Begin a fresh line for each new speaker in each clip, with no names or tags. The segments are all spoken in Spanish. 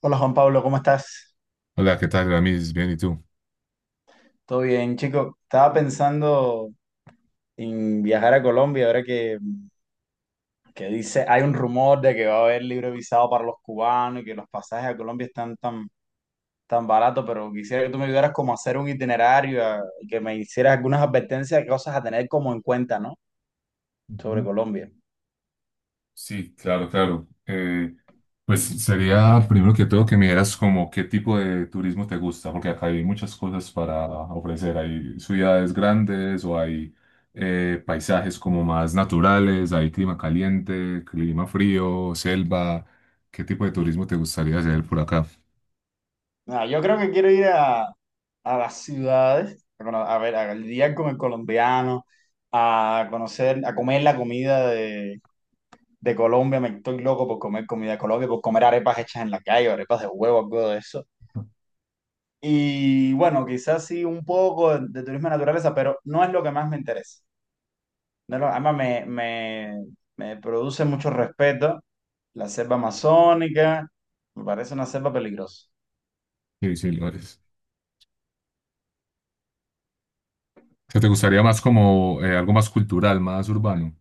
Hola Juan Pablo, ¿cómo estás?
Hola, ¿qué tal, Ramis? Bien, ¿y tú?
¿Todo bien, chico? Estaba pensando en viajar a Colombia ahora que dice, hay un rumor de que va a haber libre visado para los cubanos y que los pasajes a Colombia están tan baratos, pero quisiera que tú me ayudaras como a hacer un itinerario y que me hicieras algunas advertencias de cosas a tener como en cuenta, ¿no? Sobre
Ujú.
Colombia.
Sí, claro, claro. Pues sería primero que todo que me dieras como qué tipo de turismo te gusta, porque acá hay muchas cosas para ofrecer. Hay ciudades grandes o hay paisajes como más naturales, hay clima caliente, clima frío, selva. ¿Qué tipo de turismo te gustaría hacer por acá?
Nada, yo creo que quiero ir a las ciudades, bueno, a ver, a lidiar con el colombiano, a conocer, a comer la comida de Colombia, me estoy loco por comer comida de Colombia, por comer arepas hechas en la calle, arepas de huevo, algo de eso. Y bueno, quizás sí un poco de turismo de naturaleza, pero no es lo que más me interesa. No es lo- Además, me produce mucho respeto la selva amazónica, me parece una selva peligrosa.
Sí, sí, lugares. ¿Qué te gustaría más como algo más cultural, más urbano?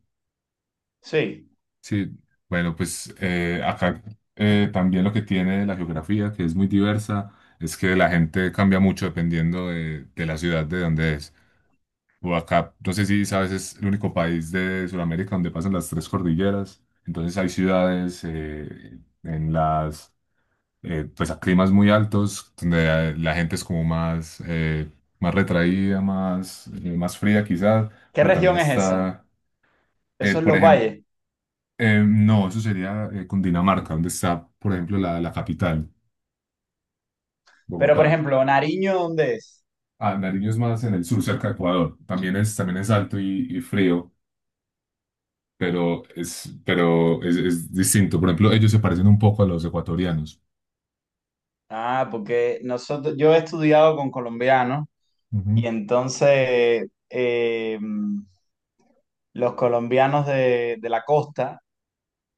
Sí.
Sí, bueno, pues acá también lo que tiene la geografía, que es muy diversa, es que la gente cambia mucho dependiendo de la ciudad de donde es. O acá, no sé si sabes, es el único país de Sudamérica donde pasan las tres cordilleras. Entonces hay ciudades en pues a climas muy altos, donde la gente es como más, más retraída, más más fría quizás,
¿Qué
pero también
región es esa?
está,
Eso es
por
los
ejemplo,
valles.
no, eso sería Cundinamarca, donde está, por ejemplo, la capital,
Pero, por
Bogotá.
ejemplo, Nariño, ¿dónde es?
Ah, Nariño es más en el sur, cerca de Ecuador. También es alto y frío, pero es distinto. Por ejemplo, ellos se parecen un poco a los ecuatorianos.
Ah, porque nosotros, yo he estudiado con colombianos
Ujú.
y entonces, los colombianos de la costa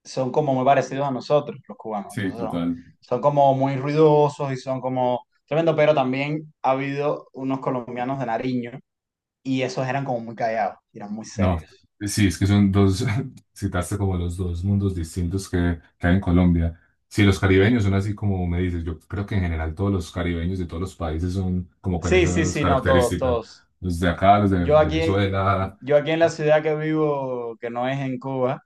son como muy parecidos a nosotros, los cubanos.
Sí,
Entonces son,
total.
son como muy ruidosos y son como tremendo, pero también ha habido unos colombianos de Nariño y esos eran como muy callados, eran muy
No,
serios.
sí, es que son dos, citaste como los dos mundos distintos que hay en Colombia. Sí, los caribeños son así como me dices, yo creo que en general todos los caribeños de todos los países son como con
Sí, sí,
esas
sí, no, todos,
características.
todos.
Los de acá, los de
Yo aquí,
Venezuela,
yo aquí en la ciudad que vivo, que no es en Cuba,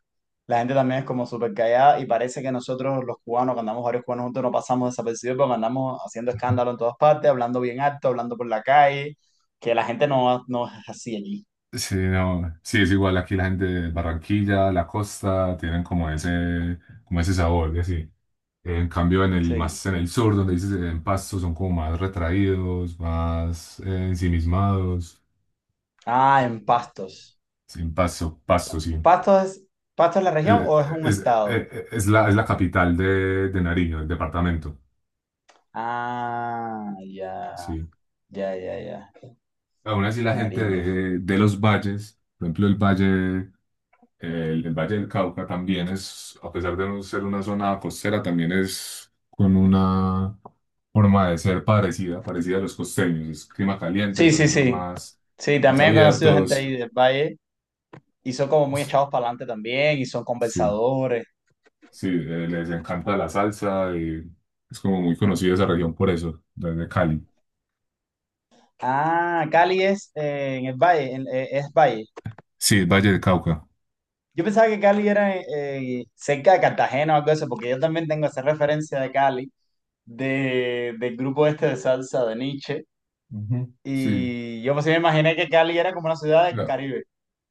la gente también es como súper callada y parece que nosotros los cubanos, cuando andamos varios cubanos juntos, no pasamos desapercibidos porque andamos haciendo escándalo en todas partes, hablando bien alto, hablando por la calle, que la gente no es así allí.
sí, no, sí, es igual aquí la gente de Barranquilla, la costa, tienen como ese sabor, y así. En cambio, en el
Sí.
más en el sur, donde dices en Pasto, son como más retraídos, más ensimismados.
Ah, en Pastos.
Sí, en Pasto, Pasto, sí.
¿Pastos es, ¿Pastos es la región
El-
o es un
es,
estado?
es es la capital de Nariño, el departamento,
Ah, ya,
sí.
ya, ya, ya.
Aún así la gente
Nariño.
de los valles, por ejemplo el valle, el Valle del Cauca también es, a pesar de no ser una zona costera, también es con una forma de ser parecida, parecida a los costeños. Es clima caliente,
Sí, sí,
entonces son
sí.
más,
Sí,
más
también he conocido gente
abiertos.
ahí del valle. Y son como muy echados para adelante también y son
Sí,
conversadores.
sí, les encanta la salsa y es como muy conocida esa región por eso, desde Cali.
Ah, Cali es en el valle, es valle.
Sí, el Valle del Cauca.
Yo pensaba que Cali era cerca de Cartagena o algo así, porque yo también tengo esa referencia de Cali, del grupo este de salsa de Nietzsche.
Ujú. Sí,
Y yo pues sí me imaginé que Cali era como una ciudad del
la-
Caribe.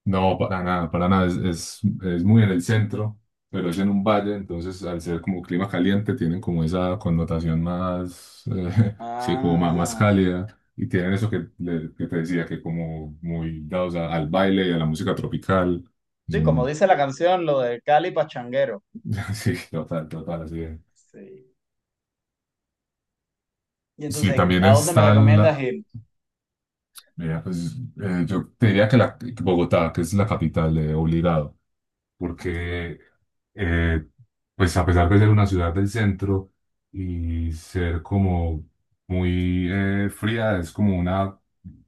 no, para nada, para nada. Es muy en el centro, pero es en un valle, entonces al ser como clima caliente, tienen como esa connotación más, sí, como más, más
Ah,
cálida. Y tienen eso que te decía, que como muy dados al baile y a la música tropical.
sí, como
Son,
dice la canción, lo de Cali pachanguero.
sí, total, total, así es.
Sí. Y
Sí,
entonces,
también
¿a dónde me
está
recomiendas
la,
ir?
mira, pues, yo te diría que que Bogotá, que es la capital, obligado, porque eh, pues a pesar de ser una ciudad del centro y ser como muy fría, es como una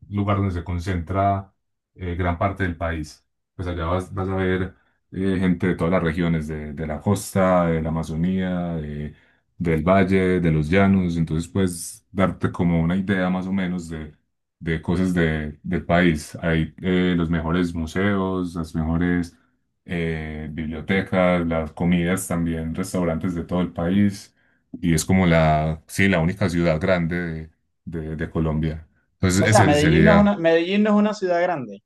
un lugar donde se concentra gran parte del país. Pues allá vas, vas a ver gente de todas las regiones, de la costa, de la Amazonía, del valle, de los llanos. Entonces puedes darte como una idea más o menos de cosas del país. Hay los mejores museos, las mejores bibliotecas, las comidas también, restaurantes de todo el país. Y es como la, sí, la única ciudad grande de, de Colombia. Entonces,
O sea,
ese sería,
Medellín no es una ciudad grande.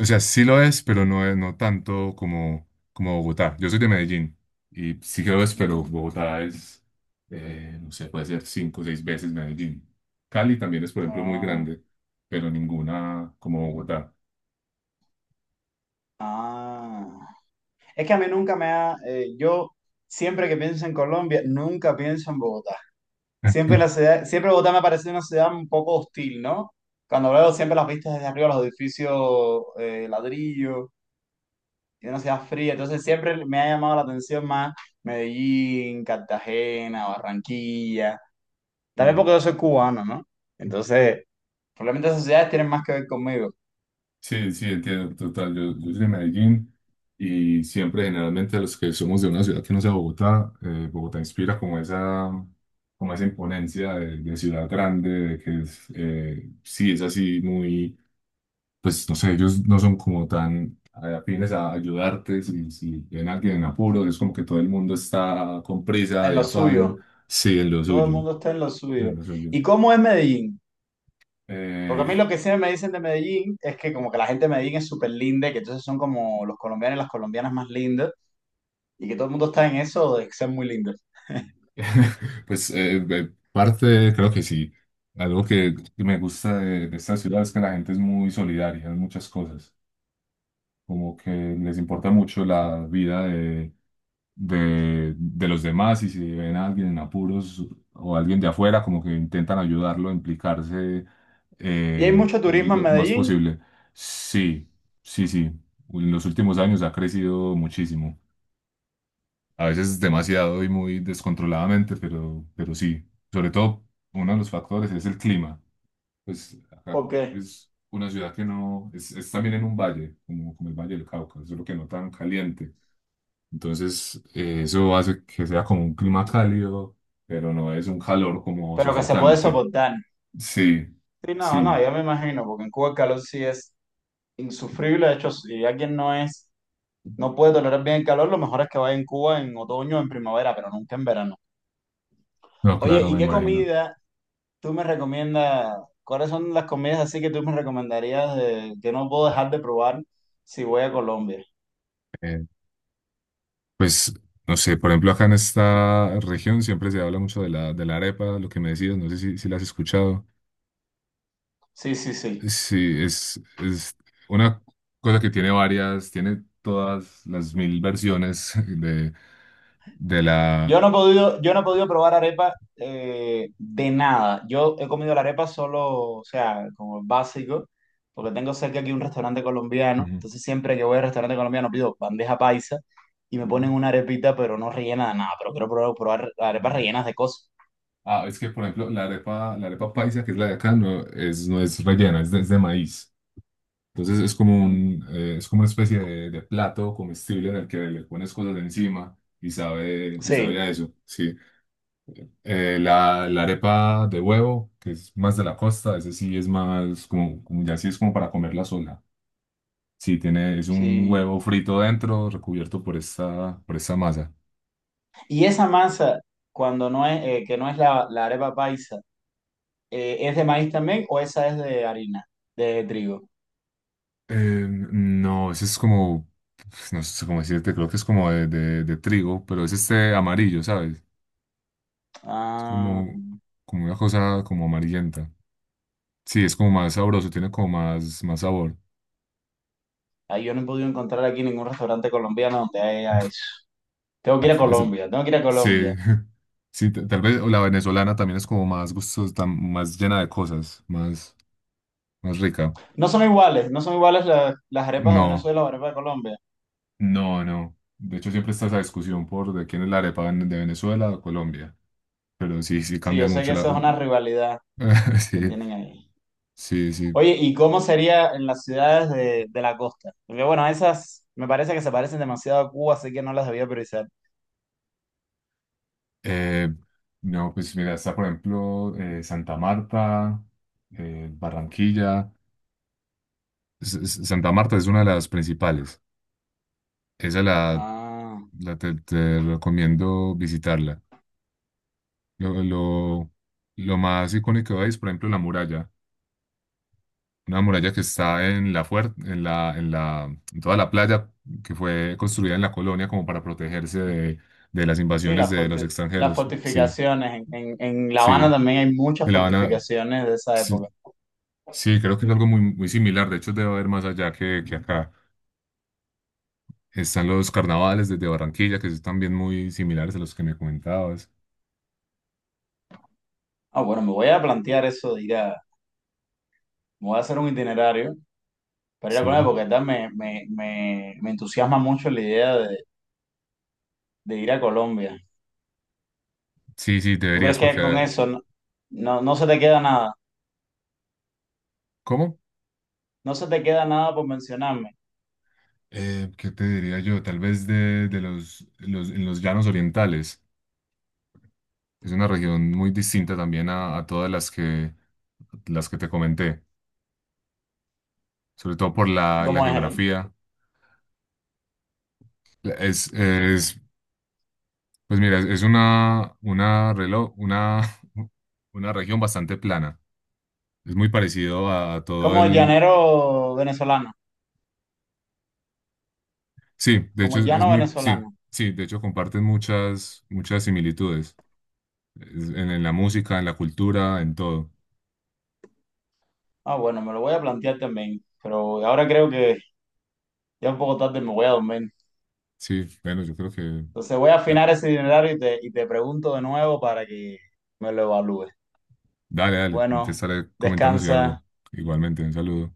o sea, sí lo es, pero no es, no tanto como, como Bogotá. Yo soy de Medellín y sí que lo es, pero
Mm.
Bogotá es, no sé, puede ser cinco o seis veces Medellín. Cali también es, por ejemplo, muy
Ah.
grande, pero ninguna como Bogotá.
Ah, es que a mí nunca me ha, yo siempre que pienso en Colombia, nunca pienso en Bogotá. Siempre Bogotá me ha parecido una ciudad un poco hostil, ¿no? Cuando veo siempre las vistas desde arriba, los edificios ladrillo, y una ciudad fría, entonces siempre me ha llamado la atención más Medellín, Cartagena, Barranquilla. También porque yo soy cubano, ¿no? Entonces, probablemente esas ciudades tienen más que ver conmigo,
Sí, sí, entiendo, total. Yo soy de Medellín y siempre, generalmente, los que somos de una ciudad que no sea Bogotá, Bogotá inspira como esa imponencia de ciudad grande, de que es, sí, es así muy, pues no sé, ellos no son como tan afines a ayudarte. Si, si ven a alguien en apuro, es como que todo el mundo está con prisa,
en
de
lo
afán,
suyo.
sí, en lo
Todo el
suyo,
mundo está en lo suyo.
en lo suyo.
¿Y cómo es Medellín? Porque a
Eh,
mí lo que siempre me dicen de Medellín es que como que la gente de Medellín es súper linda, que entonces son como los colombianos y las colombianas más lindas, y que todo el mundo está en eso de ser muy lindos.
Pues parte, creo que sí. Algo que me gusta de esta ciudad es que la gente es muy solidaria en muchas cosas. Como que les importa mucho la vida de los demás y si ven a alguien en apuros o alguien de afuera, como que intentan ayudarlo, implicarse
Y hay mucho turismo en
lo más
Medellín,
posible. Sí, sí, sí. En los últimos años ha crecido muchísimo. A veces demasiado y muy descontroladamente, pero sí. Sobre todo, uno de los factores es el clima. Pues acá
¿por qué?
es una ciudad que no, es también en un valle, como, como el Valle del Cauca, solo que no tan caliente. Entonces, eso hace que sea como un clima cálido, pero no es un calor como
Pero que se puede
sofocante.
soportar.
Sí,
Sí, no, no,
sí.
yo me imagino, porque en Cuba el calor sí es insufrible, de hecho, si alguien no es, no puede tolerar bien el calor, lo mejor es que vaya en Cuba en otoño o en primavera, pero nunca en verano.
No,
Oye,
claro,
¿y
me
qué
imagino.
comida tú me recomiendas, ¿cuáles son las comidas así que tú me recomendarías que no puedo dejar de probar si voy a Colombia?
Eh, pues, no sé, por ejemplo, acá en esta región siempre se habla mucho de la arepa, lo que me decías, no sé si, si la has escuchado.
Sí, sí, sí.
Sí, es una cosa que tiene varias, tiene todas las mil versiones de la...
Yo no he podido probar arepa de nada. Yo he comido la arepa solo, o sea, como básico, porque tengo cerca aquí un restaurante colombiano.
Ujú.
Entonces siempre que voy al restaurante colombiano pido bandeja paisa y me
Sí,
ponen una arepita, pero no rellena de nada. Pero quiero probar, probar arepas
Ah,
rellenas de cosas.
Ah, es que, por ejemplo, la arepa paisa, que es la de acá, no es, no es rellena, es de maíz. Entonces es como
Mm.
un, es como una especie de plato comestible en el que le pones cosas encima y sabe
Sí,
a eso, sí. La, la arepa de huevo, que es más de la costa, ese sí es más como, como ya sí es como para comerla sola. Sí, tiene, es un
sí.
huevo frito dentro, recubierto por esta masa.
Y esa masa, cuando no es, que no es la arepa paisa, ¿es de maíz también o esa es de harina, de trigo?
No, ese es como, pues, no sé cómo decirte, creo que es como de, de trigo, pero es este amarillo, ¿sabes? Es
Ah,
como, como una cosa como amarillenta. Sí, es como más sabroso, tiene como más, más sabor.
ah, yo no he podido encontrar aquí ningún restaurante colombiano donde haya eso. Tengo que
Ah,
ir a
ese-
Colombia, tengo que ir a
sí,
Colombia.
sí, tal vez la venezolana también es como más gustosa, más llena de cosas, más, más rica.
No son iguales, no son iguales las arepas de
No.
Venezuela o las arepas de Colombia.
No, no. De hecho, siempre está esa discusión por de quién es la arepa de Venezuela o Colombia. Pero sí, sí
Sí, yo
cambian
sé
mucho
que
la...
eso es una rivalidad que
Sí,
tienen ahí.
sí, sí.
Oye, ¿y cómo sería en las ciudades de la costa? Porque bueno, esas me parece que se parecen demasiado a Cuba, así que no las debía priorizar.
Eh, no, pues mira, está por ejemplo Santa Marta, Barranquilla. Santa Marta es una de las principales. Esa la,
Ah.
te recomiendo visitarla. Lo, lo, lo más icónico ahí es, por ejemplo, la muralla. Una muralla que está en en en la, en toda la playa que fue construida en la colonia como para protegerse de las
Sí,
invasiones de los
las
extranjeros. Sí,
fortificaciones. En La Habana
sí.
también hay muchas
En La Habana,
fortificaciones de esa
sí,
época.
sí, creo que es algo muy, muy similar. De hecho, debe haber más allá que acá. Están los carnavales desde Barranquilla, que son también muy similares a los que me comentabas.
Ah, bueno, me voy a plantear eso de ir a... Me voy a hacer un itinerario para ir a
Sí,
Colombia porque verdad me entusiasma mucho la idea de ir a Colombia.
sí, sí,
¿Tú
deberías,
crees que con
porque.
eso no se te queda nada?
¿Cómo?
No se te queda nada por mencionarme.
¿Qué te diría yo? Tal vez de, los, en los llanos orientales. Es una región muy distinta también a todas las que te comenté, sobre todo por
¿Y
la
cómo es ahí?
geografía. Es, es- pues mira, es una, una, una región bastante plana. Es muy parecido a todo
Como
el...
llanero venezolano,
Sí, de hecho
como
es
llano
muy... Sí,
venezolano.
sí, de hecho comparten muchas, muchas similitudes en la música, en la cultura, en todo.
Ah, bueno, me lo voy a plantear también, pero ahora creo que ya un poco tarde me voy a dormir.
Sí, bueno, yo creo que...
Entonces voy a
ya.
afinar ese itinerario y te pregunto de nuevo para que me lo evalúes.
Dale, dale, te
Bueno,
estaré comentando si
descansa.
algo. Igualmente, un saludo.